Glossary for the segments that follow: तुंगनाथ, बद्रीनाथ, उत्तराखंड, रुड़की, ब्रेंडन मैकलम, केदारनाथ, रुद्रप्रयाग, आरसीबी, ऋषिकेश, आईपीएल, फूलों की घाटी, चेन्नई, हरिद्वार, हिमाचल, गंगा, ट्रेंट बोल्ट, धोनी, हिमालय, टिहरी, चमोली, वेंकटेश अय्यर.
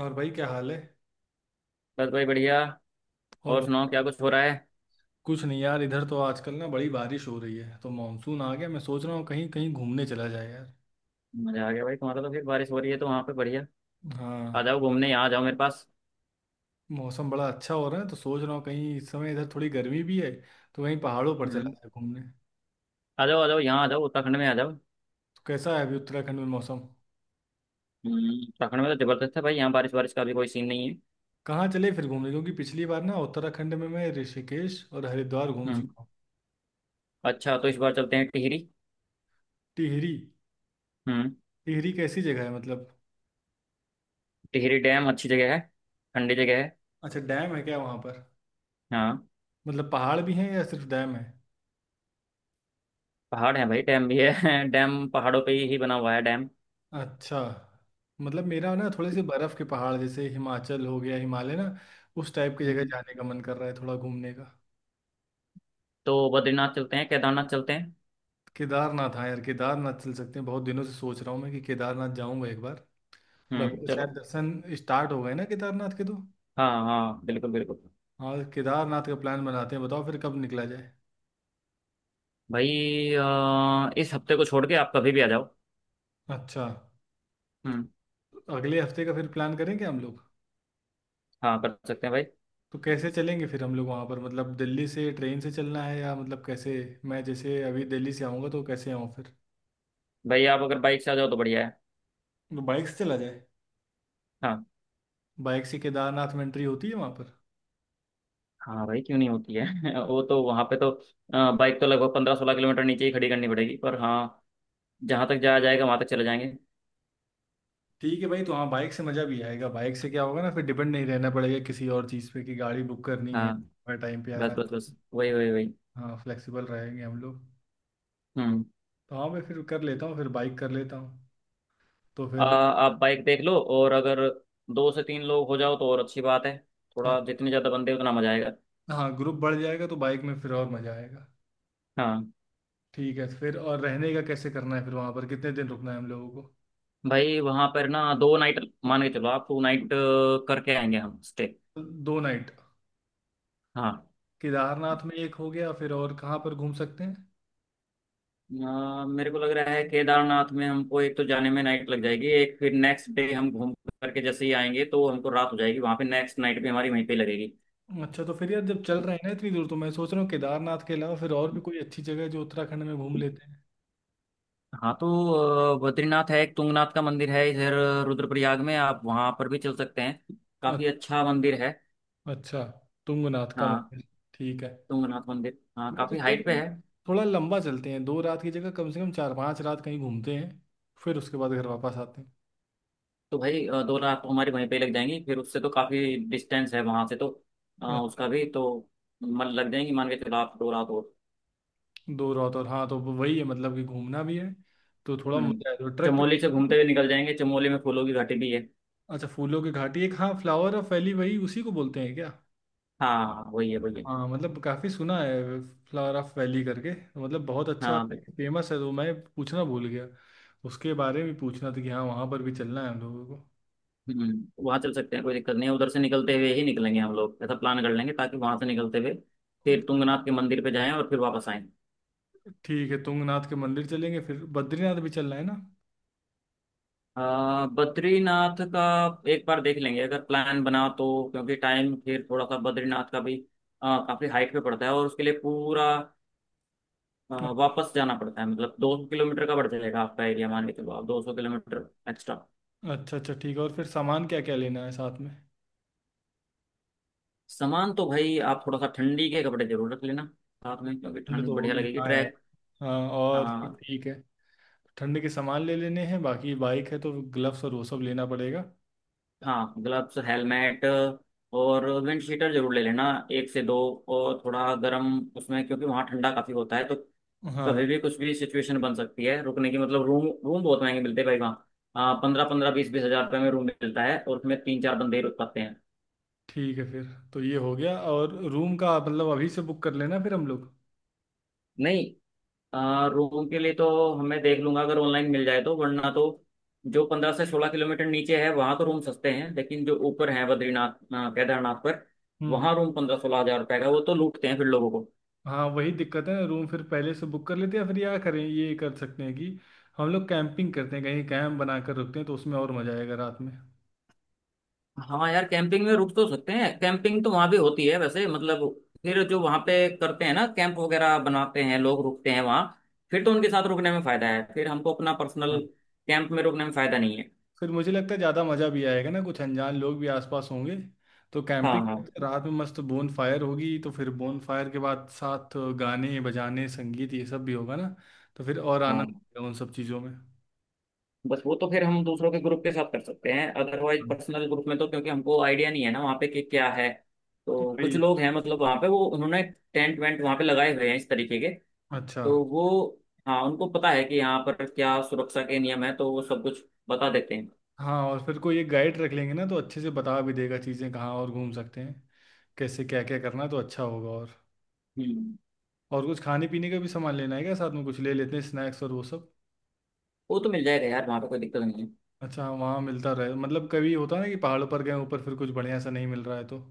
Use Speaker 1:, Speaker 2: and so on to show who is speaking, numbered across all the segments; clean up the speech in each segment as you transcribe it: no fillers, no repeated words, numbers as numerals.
Speaker 1: और भाई क्या हाल है।
Speaker 2: बस भाई बढ़िया।
Speaker 1: और
Speaker 2: और सुनाओ
Speaker 1: बता-
Speaker 2: क्या कुछ हो रहा है।
Speaker 1: कुछ नहीं यार, इधर तो आजकल ना बड़ी बारिश हो रही है तो मानसून आ गया। मैं सोच रहा हूँ कहीं कहीं घूमने चला जाए यार।
Speaker 2: मजा आ गया भाई तुम्हारा तो, फिर बारिश हो रही है तो वहां पे बढ़िया। आ जाओ
Speaker 1: हाँ,
Speaker 2: घूमने, यहाँ आ जाओ मेरे पास।
Speaker 1: मौसम बड़ा अच्छा हो रहा है तो सोच रहा हूँ कहीं, इस समय इधर थोड़ी गर्मी भी है तो कहीं पहाड़ों पर चला
Speaker 2: हम्म।
Speaker 1: जाए घूमने तो।
Speaker 2: आ जाओ आ जाओ, यहाँ आ जाओ उत्तराखंड में आ जाओ।
Speaker 1: कैसा है अभी उत्तराखंड में मौसम।
Speaker 2: हम्म, उत्तराखंड में तो जबरदस्त है भाई, यहाँ बारिश बारिश का भी कोई सीन नहीं है।
Speaker 1: कहाँ चले फिर घूमने, क्योंकि पिछली बार ना उत्तराखंड में मैं ऋषिकेश और हरिद्वार घूम
Speaker 2: हम्म।
Speaker 1: चुका हूँ।
Speaker 2: अच्छा, तो इस बार चलते हैं टिहरी।
Speaker 1: टिहरी।
Speaker 2: हम्म।
Speaker 1: टिहरी कैसी जगह है मतलब।
Speaker 2: टिहरी डैम अच्छी जगह है, ठंडी जगह है।
Speaker 1: अच्छा, डैम है क्या वहाँ पर।
Speaker 2: हाँ।
Speaker 1: मतलब पहाड़ भी हैं या सिर्फ डैम है।
Speaker 2: पहाड़ है भाई, डैम भी है। डैम पहाड़ों पे ही बना हुआ है डैम।
Speaker 1: अच्छा। मतलब मेरा ना थोड़े से बर्फ के पहाड़, जैसे हिमाचल हो गया, हिमालय ना, उस टाइप की जगह
Speaker 2: हम्म,
Speaker 1: जाने का मन कर रहा है, थोड़ा घूमने का।
Speaker 2: तो बद्रीनाथ चलते हैं, केदारनाथ चलते हैं।
Speaker 1: केदारनाथ, हाँ यार केदारनाथ चल सकते हैं। बहुत दिनों से सोच रहा हूँ मैं कि केदारनाथ जाऊंगा एक बार। और अभी
Speaker 2: हम्म,
Speaker 1: तो शायद
Speaker 2: चलो।
Speaker 1: दर्शन स्टार्ट हो गए ना केदारनाथ के, तो
Speaker 2: हाँ हाँ, बिल्कुल बिल्कुल।
Speaker 1: हाँ, केदारनाथ का प्लान बनाते हैं। बताओ फिर कब निकला जाए।
Speaker 2: भाई इस हफ्ते को छोड़ के आप कभी भी आ जाओ।
Speaker 1: अच्छा।
Speaker 2: हम्म।
Speaker 1: अगले हफ्ते का फिर प्लान करेंगे हम लोग।
Speaker 2: हाँ, कर सकते हैं भाई।
Speaker 1: तो कैसे चलेंगे फिर हम लोग वहाँ पर, मतलब दिल्ली से ट्रेन से चलना है या मतलब कैसे। मैं जैसे अभी दिल्ली से आऊँगा तो कैसे आऊँ फिर।
Speaker 2: भाई आप अगर बाइक से आ जाओ तो बढ़िया है।
Speaker 1: तो बाइक से चला जाए।
Speaker 2: हाँ।
Speaker 1: बाइक से केदारनाथ में एंट्री होती है वहां पर।
Speaker 2: हाँ भाई, क्यों नहीं होती है। वो तो वहाँ पे तो बाइक तो लगभग 15-16 किलोमीटर नीचे ही खड़ी करनी पड़ेगी, पर हाँ, जहाँ तक जाया जाएगा वहाँ तक चले जाएंगे।
Speaker 1: ठीक है भाई, तो हाँ, बाइक से मज़ा भी आएगा। बाइक से क्या होगा ना, फिर डिपेंड नहीं रहना पड़ेगा किसी और चीज़ पे कि गाड़ी बुक करनी है
Speaker 2: हाँ।
Speaker 1: हर टाइम पे आ
Speaker 2: बस
Speaker 1: रहा
Speaker 2: बस
Speaker 1: है।
Speaker 2: बस, वही वही वही।
Speaker 1: हाँ, फ्लेक्सिबल रहेंगे हम लोग।
Speaker 2: हम्म।
Speaker 1: तो हाँ, मैं फिर कर लेता हूँ, फिर बाइक कर लेता हूँ तो फिर।
Speaker 2: आप बाइक देख लो, और अगर दो से तीन लोग हो जाओ तो और अच्छी बात है। थोड़ा जितने ज़्यादा बंदे उतना मजा आएगा।
Speaker 1: हाँ, ग्रुप बढ़ जाएगा तो बाइक में फिर और मज़ा आएगा।
Speaker 2: हाँ।
Speaker 1: ठीक है। फिर और रहने का कैसे करना है, फिर वहाँ पर कितने दिन रुकना है हम लोगों को।
Speaker 2: भाई वहाँ पर ना दो नाइट मान के चलो आप, टू नाइट करके आएंगे हम स्टे।
Speaker 1: 2 नाइट।
Speaker 2: हाँ।
Speaker 1: केदारनाथ में एक हो गया, फिर और कहाँ पर घूम सकते हैं।
Speaker 2: मेरे को लग रहा है केदारनाथ में हमको एक तो जाने में नाइट लग जाएगी, एक फिर नेक्स्ट डे हम घूम करके जैसे ही आएंगे तो हमको रात हो जाएगी वहां पे, नेक्स्ट नाइट भी हमारी वहीं पे लगेगी।
Speaker 1: अच्छा, तो फिर यार जब चल रहे हैं ना इतनी दूर, तो मैं सोच रहा हूँ केदारनाथ के अलावा फिर और भी कोई अच्छी जगह है जो उत्तराखंड में घूम लेते हैं।
Speaker 2: हाँ तो बद्रीनाथ है एक, तुंगनाथ का मंदिर है इधर रुद्रप्रयाग में, आप वहां पर भी चल सकते हैं,
Speaker 1: अ-
Speaker 2: काफी अच्छा मंदिर है।
Speaker 1: अच्छा। तुंगनाथ का
Speaker 2: हाँ।
Speaker 1: मंदिर। ठीक है।
Speaker 2: तुंगनाथ मंदिर हाँ,
Speaker 1: मैं तो
Speaker 2: काफी
Speaker 1: सोच
Speaker 2: हाइट
Speaker 1: रहा
Speaker 2: पे
Speaker 1: हूँ
Speaker 2: है।
Speaker 1: थोड़ा लंबा चलते हैं, 2 रात की जगह कम से कम 4-5 रात कहीं घूमते हैं, फिर उसके बाद घर वापस आते हैं।
Speaker 2: तो भाई दो रात तो हमारी वहीं पे लग जाएंगी, फिर उससे तो काफी डिस्टेंस है वहां से तो।
Speaker 1: अच्छा।
Speaker 2: उसका भी तो मन लग जाएंगी, मान के चलो आप दो रात हो।
Speaker 1: 2 रात, और हाँ तो वही है, मतलब कि घूमना भी है तो थोड़ा
Speaker 2: हम्म।
Speaker 1: मजा है तो ट्रैक
Speaker 2: चमोली से
Speaker 1: पे।
Speaker 2: घूमते हुए निकल जाएंगे, चमोली में फूलों की घाटी भी है।
Speaker 1: अच्छा, फूलों की घाटी, एक हाँ, फ्लावर ऑफ वैली, वही, उसी को बोलते हैं क्या।
Speaker 2: हाँ वही है वही है।
Speaker 1: हाँ, मतलब काफ़ी सुना है, फ्लावर ऑफ वैली करके, तो मतलब बहुत अच्छा
Speaker 2: हाँ बिल्कुल।
Speaker 1: फेमस है, तो मैं पूछना भूल गया। उसके बारे में पूछना था कि हाँ, वहाँ पर भी चलना है हम लोगों को।
Speaker 2: हम्म, वहाँ चल सकते हैं, कोई दिक्कत नहीं है, उधर से निकलते हुए ही निकलेंगे हम लोग, ऐसा प्लान कर लेंगे ताकि वहाँ से निकलते हुए फिर तुंगनाथ के मंदिर पे जाएं और फिर वापस आएं।
Speaker 1: ठीक है, तुंगनाथ के मंदिर चलेंगे। फिर बद्रीनाथ भी चलना है ना।
Speaker 2: बद्रीनाथ का एक बार देख लेंगे अगर प्लान बना तो, क्योंकि टाइम फिर थोड़ा सा, बद्रीनाथ का भी काफी हाइट पे पड़ता है और उसके लिए पूरा वापस जाना पड़ता है, मतलब 200 किलोमीटर का बढ़ जाएगा आपका एरिया, मान के चलो आप 200 किलोमीटर एक्स्ट्रा।
Speaker 1: अच्छा अच्छा, ठीक है। और फिर सामान क्या क्या लेना है साथ में।
Speaker 2: सामान तो भाई आप थोड़ा सा ठंडी के कपड़े जरूर रख लेना साथ में, क्योंकि
Speaker 1: ठंड
Speaker 2: ठंड
Speaker 1: तो
Speaker 2: बढ़िया
Speaker 1: होगी
Speaker 2: लगेगी
Speaker 1: हाँ यार।
Speaker 2: ट्रैक।
Speaker 1: हाँ, और फिर
Speaker 2: हाँ।
Speaker 1: ठीक है, ठंड के सामान ले लेने हैं। बाकी बाइक है तो ग्लव्स और वो सब लेना पड़ेगा।
Speaker 2: हाँ ग्लव्स हेलमेट और विंड शीटर जरूर ले लेना, एक से दो, और थोड़ा गर्म उसमें, क्योंकि वहाँ ठंडा काफ़ी होता है तो
Speaker 1: हाँ।
Speaker 2: कभी भी कुछ भी सिचुएशन बन सकती है रुकने की। मतलब रूम रूम बहुत महंगे मिलते हैं भाई वहाँ। हाँ, 15-15 20-20 हज़ार रुपये में रूम मिलता है और उसमें तीन चार बंदे ही रुक पाते हैं।
Speaker 1: ठीक है फिर। तो ये हो गया। और रूम का मतलब अभी से बुक कर लेना फिर हम लोग।
Speaker 2: नहीं, रूम के लिए तो हमें देख लूंगा अगर ऑनलाइन मिल जाए तो, वरना तो जो 15 से 16 किलोमीटर नीचे है वहां तो रूम सस्ते हैं, लेकिन जो ऊपर है बद्रीनाथ केदारनाथ पर,
Speaker 1: हम्म।
Speaker 2: वहां रूम 15-16 हज़ार रुपए का, वो तो लूटते हैं फिर लोगों को।
Speaker 1: हाँ वही दिक्कत है ना, रूम फिर पहले से बुक कर लेते हैं फिर, या करें, ये कर सकते हैं कि हम लोग कैंपिंग करते हैं, कहीं कैंप बनाकर रुकते हैं तो उसमें और मज़ा आएगा रात में।
Speaker 2: हाँ यार, कैंपिंग में रुक तो सकते हैं, कैंपिंग तो वहां भी होती है वैसे, मतलब फिर जो वहां पे करते हैं ना, कैंप वगैरह बनाते हैं, लोग रुकते हैं वहां, फिर तो उनके साथ रुकने में फायदा है, फिर हमको अपना पर्सनल
Speaker 1: हाँ,
Speaker 2: कैंप में रुकने में फायदा नहीं है।
Speaker 1: फिर मुझे लगता है ज़्यादा मज़ा भी आएगा ना, कुछ अनजान लोग भी आसपास होंगे तो
Speaker 2: हाँ
Speaker 1: कैंपिंग
Speaker 2: हाँ
Speaker 1: करते हैं। रात में मस्त बोन फायर होगी तो फिर बोन फायर के बाद साथ गाने बजाने संगीत ये सब भी होगा ना, तो फिर और आनंद
Speaker 2: हाँ।
Speaker 1: आएगा उन सब चीज़ों में।
Speaker 2: बस वो तो फिर हम दूसरों के ग्रुप के साथ कर सकते हैं, अदरवाइज
Speaker 1: हाँ।
Speaker 2: पर्सनल ग्रुप में तो क्योंकि हमको आइडिया नहीं है ना वहाँ पे कि क्या है। तो कुछ
Speaker 1: वही।
Speaker 2: लोग हैं, मतलब वहाँ पे वो उन्होंने टेंट वेंट वहाँ पे लगाए हुए हैं इस तरीके के,
Speaker 1: अच्छा।
Speaker 2: तो वो, हाँ उनको पता है कि यहाँ पर क्या सुरक्षा के नियम है, तो वो सब कुछ बता देते हैं।
Speaker 1: हाँ और फिर कोई एक गाइड रख लेंगे ना, तो अच्छे से बता भी देगा चीज़ें कहाँ और घूम सकते हैं, कैसे क्या क्या करना, तो अच्छा होगा। और
Speaker 2: हम्म।
Speaker 1: और कुछ खाने पीने का भी सामान लेना है क्या साथ में, कुछ ले लेते हैं स्नैक्स और वो सब।
Speaker 2: वो तो मिल जाएगा यार वहाँ पे, कोई दिक्कत नहीं है।
Speaker 1: अच्छा हाँ, वहाँ मिलता रहे, मतलब कभी होता ना कि पहाड़ों पर गए ऊपर फिर कुछ बढ़िया सा नहीं मिल रहा है, तो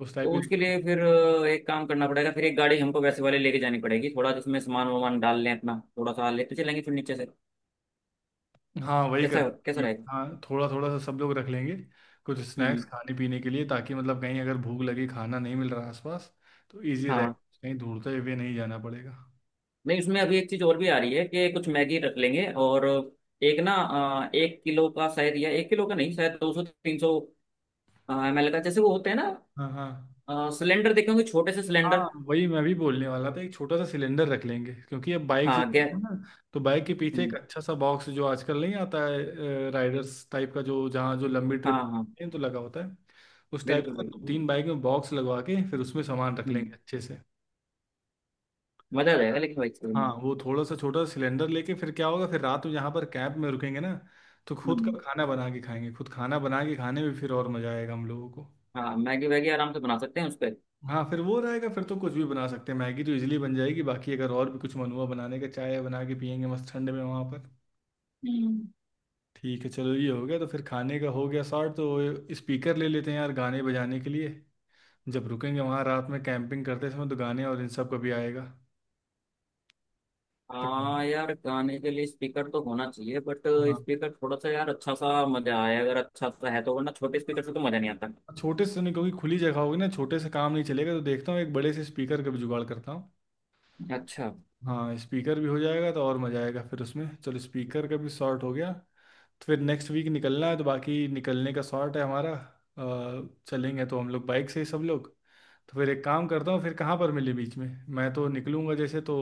Speaker 1: उस टाइप
Speaker 2: तो
Speaker 1: की
Speaker 2: उसके लिए फिर
Speaker 1: दिक्कत-
Speaker 2: एक काम करना पड़ेगा, फिर एक गाड़ी हमको वैसे वाले लेके जानी पड़ेगी थोड़ा, जिसमें सामान वामान डाल लें अपना, थोड़ा सा लेते चलेंगे फिर नीचे से,
Speaker 1: हाँ वही कर
Speaker 2: कैसा कैसा
Speaker 1: लेंगे।
Speaker 2: रहेगा।
Speaker 1: हाँ, थोड़ा थोड़ा सा सब लोग रख लेंगे कुछ
Speaker 2: हम्म।
Speaker 1: स्नैक्स खाने पीने के लिए, ताकि मतलब कहीं अगर भूख लगी, खाना नहीं मिल रहा आसपास, तो ईजी रहे,
Speaker 2: हाँ,
Speaker 1: कहीं ढूंढते हुए नहीं जाना पड़ेगा।
Speaker 2: नहीं उसमें अभी एक चीज और भी आ रही है कि कुछ मैगी रख लेंगे और एक ना एक किलो का शायद, या एक किलो का नहीं शायद 200-300 ml का जैसे वो होते हैं ना,
Speaker 1: हाँ हाँ,
Speaker 2: सिलेंडर, देखे होंगे छोटे से
Speaker 1: हाँ
Speaker 2: सिलेंडर।
Speaker 1: वही मैं भी बोलने वाला था, एक छोटा सा सिलेंडर रख लेंगे, क्योंकि अब बाइक से
Speaker 2: हाँ
Speaker 1: चलते
Speaker 2: गैस।
Speaker 1: हैं ना, तो बाइक के पीछे एक
Speaker 2: हम्म,
Speaker 1: अच्छा सा बॉक्स, जो आजकल नहीं आता है राइडर्स टाइप का, जो जहाँ जो लंबी
Speaker 2: हाँ
Speaker 1: ट्रिप
Speaker 2: हाँ
Speaker 1: तो लगा होता है, उस टाइप
Speaker 2: बिल्कुल
Speaker 1: का
Speaker 2: बिल्कुल।
Speaker 1: 2-3 बाइक में बॉक्स लगवा के फिर उसमें सामान रख लेंगे
Speaker 2: हम्म,
Speaker 1: अच्छे से।
Speaker 2: मजा आ जाएगा लेकिन भाई।
Speaker 1: हाँ, वो थोड़ा सा छोटा सा सिलेंडर लेके फिर क्या होगा, फिर रात में यहाँ पर कैंप में रुकेंगे ना, तो खुद का
Speaker 2: हम्म,
Speaker 1: खाना बना के खाएंगे। खुद खाना बना के खाने में फिर और मजा आएगा हम लोगों को।
Speaker 2: हाँ मैगी वैगी आराम से बना सकते हैं उस पर।
Speaker 1: हाँ, फिर वो रहेगा, फिर तो कुछ भी बना सकते हैं। मैगी तो इजीली बन जाएगी, बाकी अगर और भी कुछ मन हुआ बनाने का, चाय बना के पियेंगे मस्त ठंड में वहाँ पर।
Speaker 2: हम्म।
Speaker 1: ठीक है चलो, ये हो गया। तो फिर खाने का हो गया सॉर्ट। तो स्पीकर ले लेते हैं यार गाने बजाने के लिए, जब रुकेंगे वहाँ रात में कैंपिंग करते समय, तो गाने और इन सब का भी आएगा तो।
Speaker 2: हाँ यार गाने के लिए स्पीकर तो होना चाहिए, बट
Speaker 1: हाँ।
Speaker 2: स्पीकर थोड़ा सा यार अच्छा सा, मजा आए अगर अच्छा सा है तो, वरना छोटे स्पीकर से तो मजा नहीं आता।
Speaker 1: छोटे से नहीं, क्योंकि खुली जगह होगी ना, छोटे से काम नहीं चलेगा, तो देखता हूँ एक बड़े से स्पीकर का भी जुगाड़ करता हूँ।
Speaker 2: अच्छा।
Speaker 1: हाँ, स्पीकर भी हो जाएगा तो और मज़ा आएगा फिर उसमें। चलो, स्पीकर का भी सॉर्ट हो गया, तो फिर नेक्स्ट वीक निकलना है, तो बाकी निकलने का शॉर्ट है हमारा। चलेंगे तो हम लोग बाइक से ही सब लोग। तो फिर एक काम करता हूँ, फिर कहाँ पर मिले बीच में। मैं तो निकलूंगा जैसे तो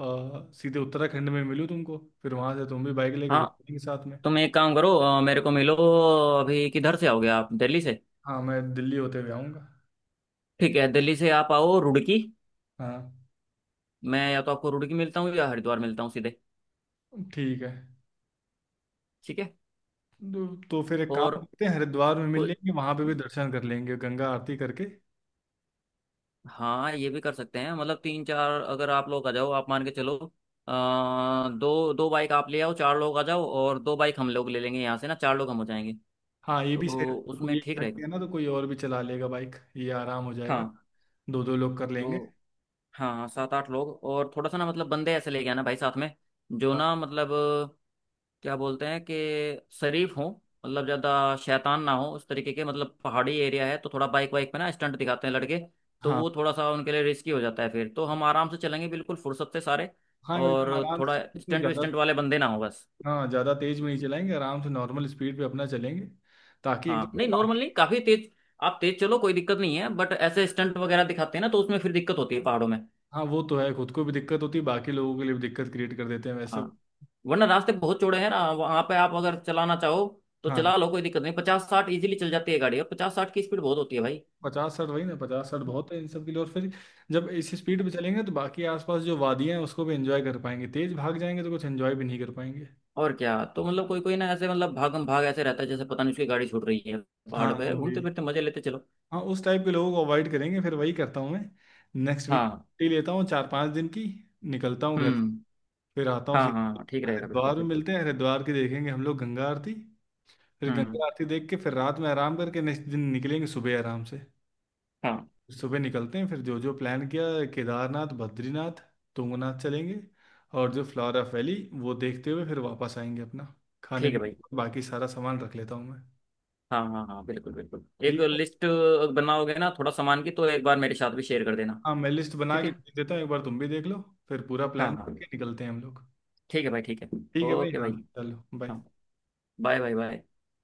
Speaker 1: सीधे उत्तराखंड में मिलूँ तुमको, फिर वहाँ से तुम भी बाइक लेके फिर
Speaker 2: हाँ
Speaker 1: चलेंगे साथ में।
Speaker 2: तुम एक काम करो, मेरे को मिलो, अभी किधर से आओगे आप, दिल्ली से?
Speaker 1: हाँ, मैं दिल्ली होते हुए आऊँगा।
Speaker 2: ठीक है, दिल्ली से आप आओ रुड़की,
Speaker 1: हाँ।
Speaker 2: मैं या तो आपको रुड़की मिलता हूँ या हरिद्वार मिलता हूँ सीधे।
Speaker 1: ठीक है।
Speaker 2: ठीक है।
Speaker 1: तो फिर एक काम
Speaker 2: और
Speaker 1: करते हैं, हरिद्वार में मिल
Speaker 2: कोई-
Speaker 1: लेंगे, वहाँ पे भी दर्शन कर लेंगे गंगा आरती करके।
Speaker 2: हाँ, ये भी कर सकते हैं, मतलब तीन चार अगर आप लोग आ जाओ, आप मान के चलो दो दो बाइक आप ले आओ, चार लोग आ जाओ, और दो बाइक हम लोग ले लेंगे यहाँ से ना, चार लोग हम हो जाएंगे।
Speaker 1: हाँ ये भी सही
Speaker 2: तो
Speaker 1: रहेगा, कोई
Speaker 2: उसमें
Speaker 1: एक
Speaker 2: ठीक
Speaker 1: थक
Speaker 2: रहेगा।
Speaker 1: गया ना तो कोई और भी चला लेगा बाइक, ये आराम हो जाएगा।
Speaker 2: हाँ।
Speaker 1: 2-2 लोग कर लेंगे।
Speaker 2: तो हाँ, सात आठ लोग और थोड़ा सा ना, मतलब बंदे ऐसे लेके आना भाई साथ में जो
Speaker 1: हाँ
Speaker 2: ना, मतलब क्या बोलते हैं कि शरीफ हो, मतलब ज्यादा शैतान ना हो उस तरीके के, मतलब पहाड़ी एरिया है तो थोड़ा बाइक वाइक पे ना स्टंट दिखाते हैं लड़के, तो
Speaker 1: हाँ।
Speaker 2: वो थोड़ा सा उनके लिए रिस्की हो जाता है, फिर तो हम आराम से चलेंगे बिल्कुल फुर्सत से सारे,
Speaker 1: हाँ एकदम
Speaker 2: और
Speaker 1: आराम
Speaker 2: थोड़ा
Speaker 1: से, तो
Speaker 2: स्टंट
Speaker 1: ज्यादा
Speaker 2: विस्टंट वाले बंदे ना हो बस।
Speaker 1: हाँ ज्यादा तेज भी नहीं चलाएंगे, आराम से नॉर्मल स्पीड पे अपना चलेंगे, ताकि
Speaker 2: हाँ
Speaker 1: एकदम से
Speaker 2: नहीं,
Speaker 1: बाकी
Speaker 2: नॉर्मल नहीं, काफी तेज, आप तेज चलो कोई दिक्कत नहीं है, बट ऐसे स्टंट वगैरह दिखाते हैं ना तो उसमें फिर दिक्कत होती है पहाड़ों में।
Speaker 1: हाँ। वो तो है, खुद को भी दिक्कत होती है, बाकी लोगों के लिए भी दिक्कत क्रिएट कर देते हैं वैसे।
Speaker 2: हाँ। वरना रास्ते बहुत चौड़े हैं ना वहां पे, आप अगर चलाना चाहो तो
Speaker 1: हाँ,
Speaker 2: चला लो, कोई दिक्कत नहीं, 50-60 इजीली चल जाती है गाड़ी, और 50-60 की स्पीड बहुत होती है भाई।
Speaker 1: 50-60 वही ना, 50-60 बहुत है इन सब के लिए, और फिर जब इस स्पीड पे चलेंगे तो बाकी आसपास जो वादियां हैं उसको भी एंजॉय कर पाएंगे, तेज भाग जाएंगे तो कुछ एंजॉय भी नहीं कर पाएंगे।
Speaker 2: और क्या, तो मतलब कोई कोई ना ऐसे मतलब भागम भाग ऐसे रहता है जैसे पता नहीं उसकी गाड़ी छूट रही है,
Speaker 1: हाँ
Speaker 2: पहाड़
Speaker 1: हाँ
Speaker 2: पे
Speaker 1: वही।
Speaker 2: घूमते फिरते मजे लेते चलो।
Speaker 1: हाँ, उस टाइप के लोगों को अवॉइड करेंगे, फिर वही करता हूँ मैं। नेक्स्ट वीक
Speaker 2: हाँ।
Speaker 1: छुट्टी लेता हूँ 4-5 दिन की, निकलता हूँ घर।
Speaker 2: हम्म।
Speaker 1: फिर आता हूँ
Speaker 2: हाँ हाँ
Speaker 1: सीधे,
Speaker 2: हाँ, ठीक रहेगा बिल्कुल
Speaker 1: हरिद्वार में
Speaker 2: बिल्कुल।
Speaker 1: मिलते हैं, हरिद्वार की देखेंगे हम लोग गंगा आरती। फिर
Speaker 2: हम्म।
Speaker 1: गंगा आरती देख के, फिर रात में आराम करके नेक्स्ट दिन निकलेंगे सुबह आराम से।
Speaker 2: हाँ।
Speaker 1: सुबह निकलते हैं, फिर जो जो प्लान किया, केदारनाथ, बद्रीनाथ, तुंगनाथ चलेंगे, और जो फ्लोरा वैली, वो देखते हुए फिर वापस आएंगे अपना। खाने
Speaker 2: ठीक है भाई।
Speaker 1: पीने का बाकी सारा सामान रख लेता हूँ मैं।
Speaker 2: हाँ हाँ हाँ बिल्कुल बिल्कुल। एक
Speaker 1: ठीक है।
Speaker 2: लिस्ट बनाओगे ना थोड़ा सामान की, तो एक बार मेरे साथ भी शेयर कर देना।
Speaker 1: हाँ, मैं लिस्ट बना
Speaker 2: ठीक
Speaker 1: के
Speaker 2: है।
Speaker 1: भेज देता हूँ, एक बार तुम भी देख लो। फिर पूरा
Speaker 2: हाँ
Speaker 1: प्लान
Speaker 2: हाँ।
Speaker 1: करके निकलते हैं हम लोग।
Speaker 2: ठीक है भाई, ठीक है।
Speaker 1: ठीक है भाई,
Speaker 2: ओके
Speaker 1: हाँ
Speaker 2: भाई।
Speaker 1: चलो बाय।
Speaker 2: हाँ। Bye bye bye.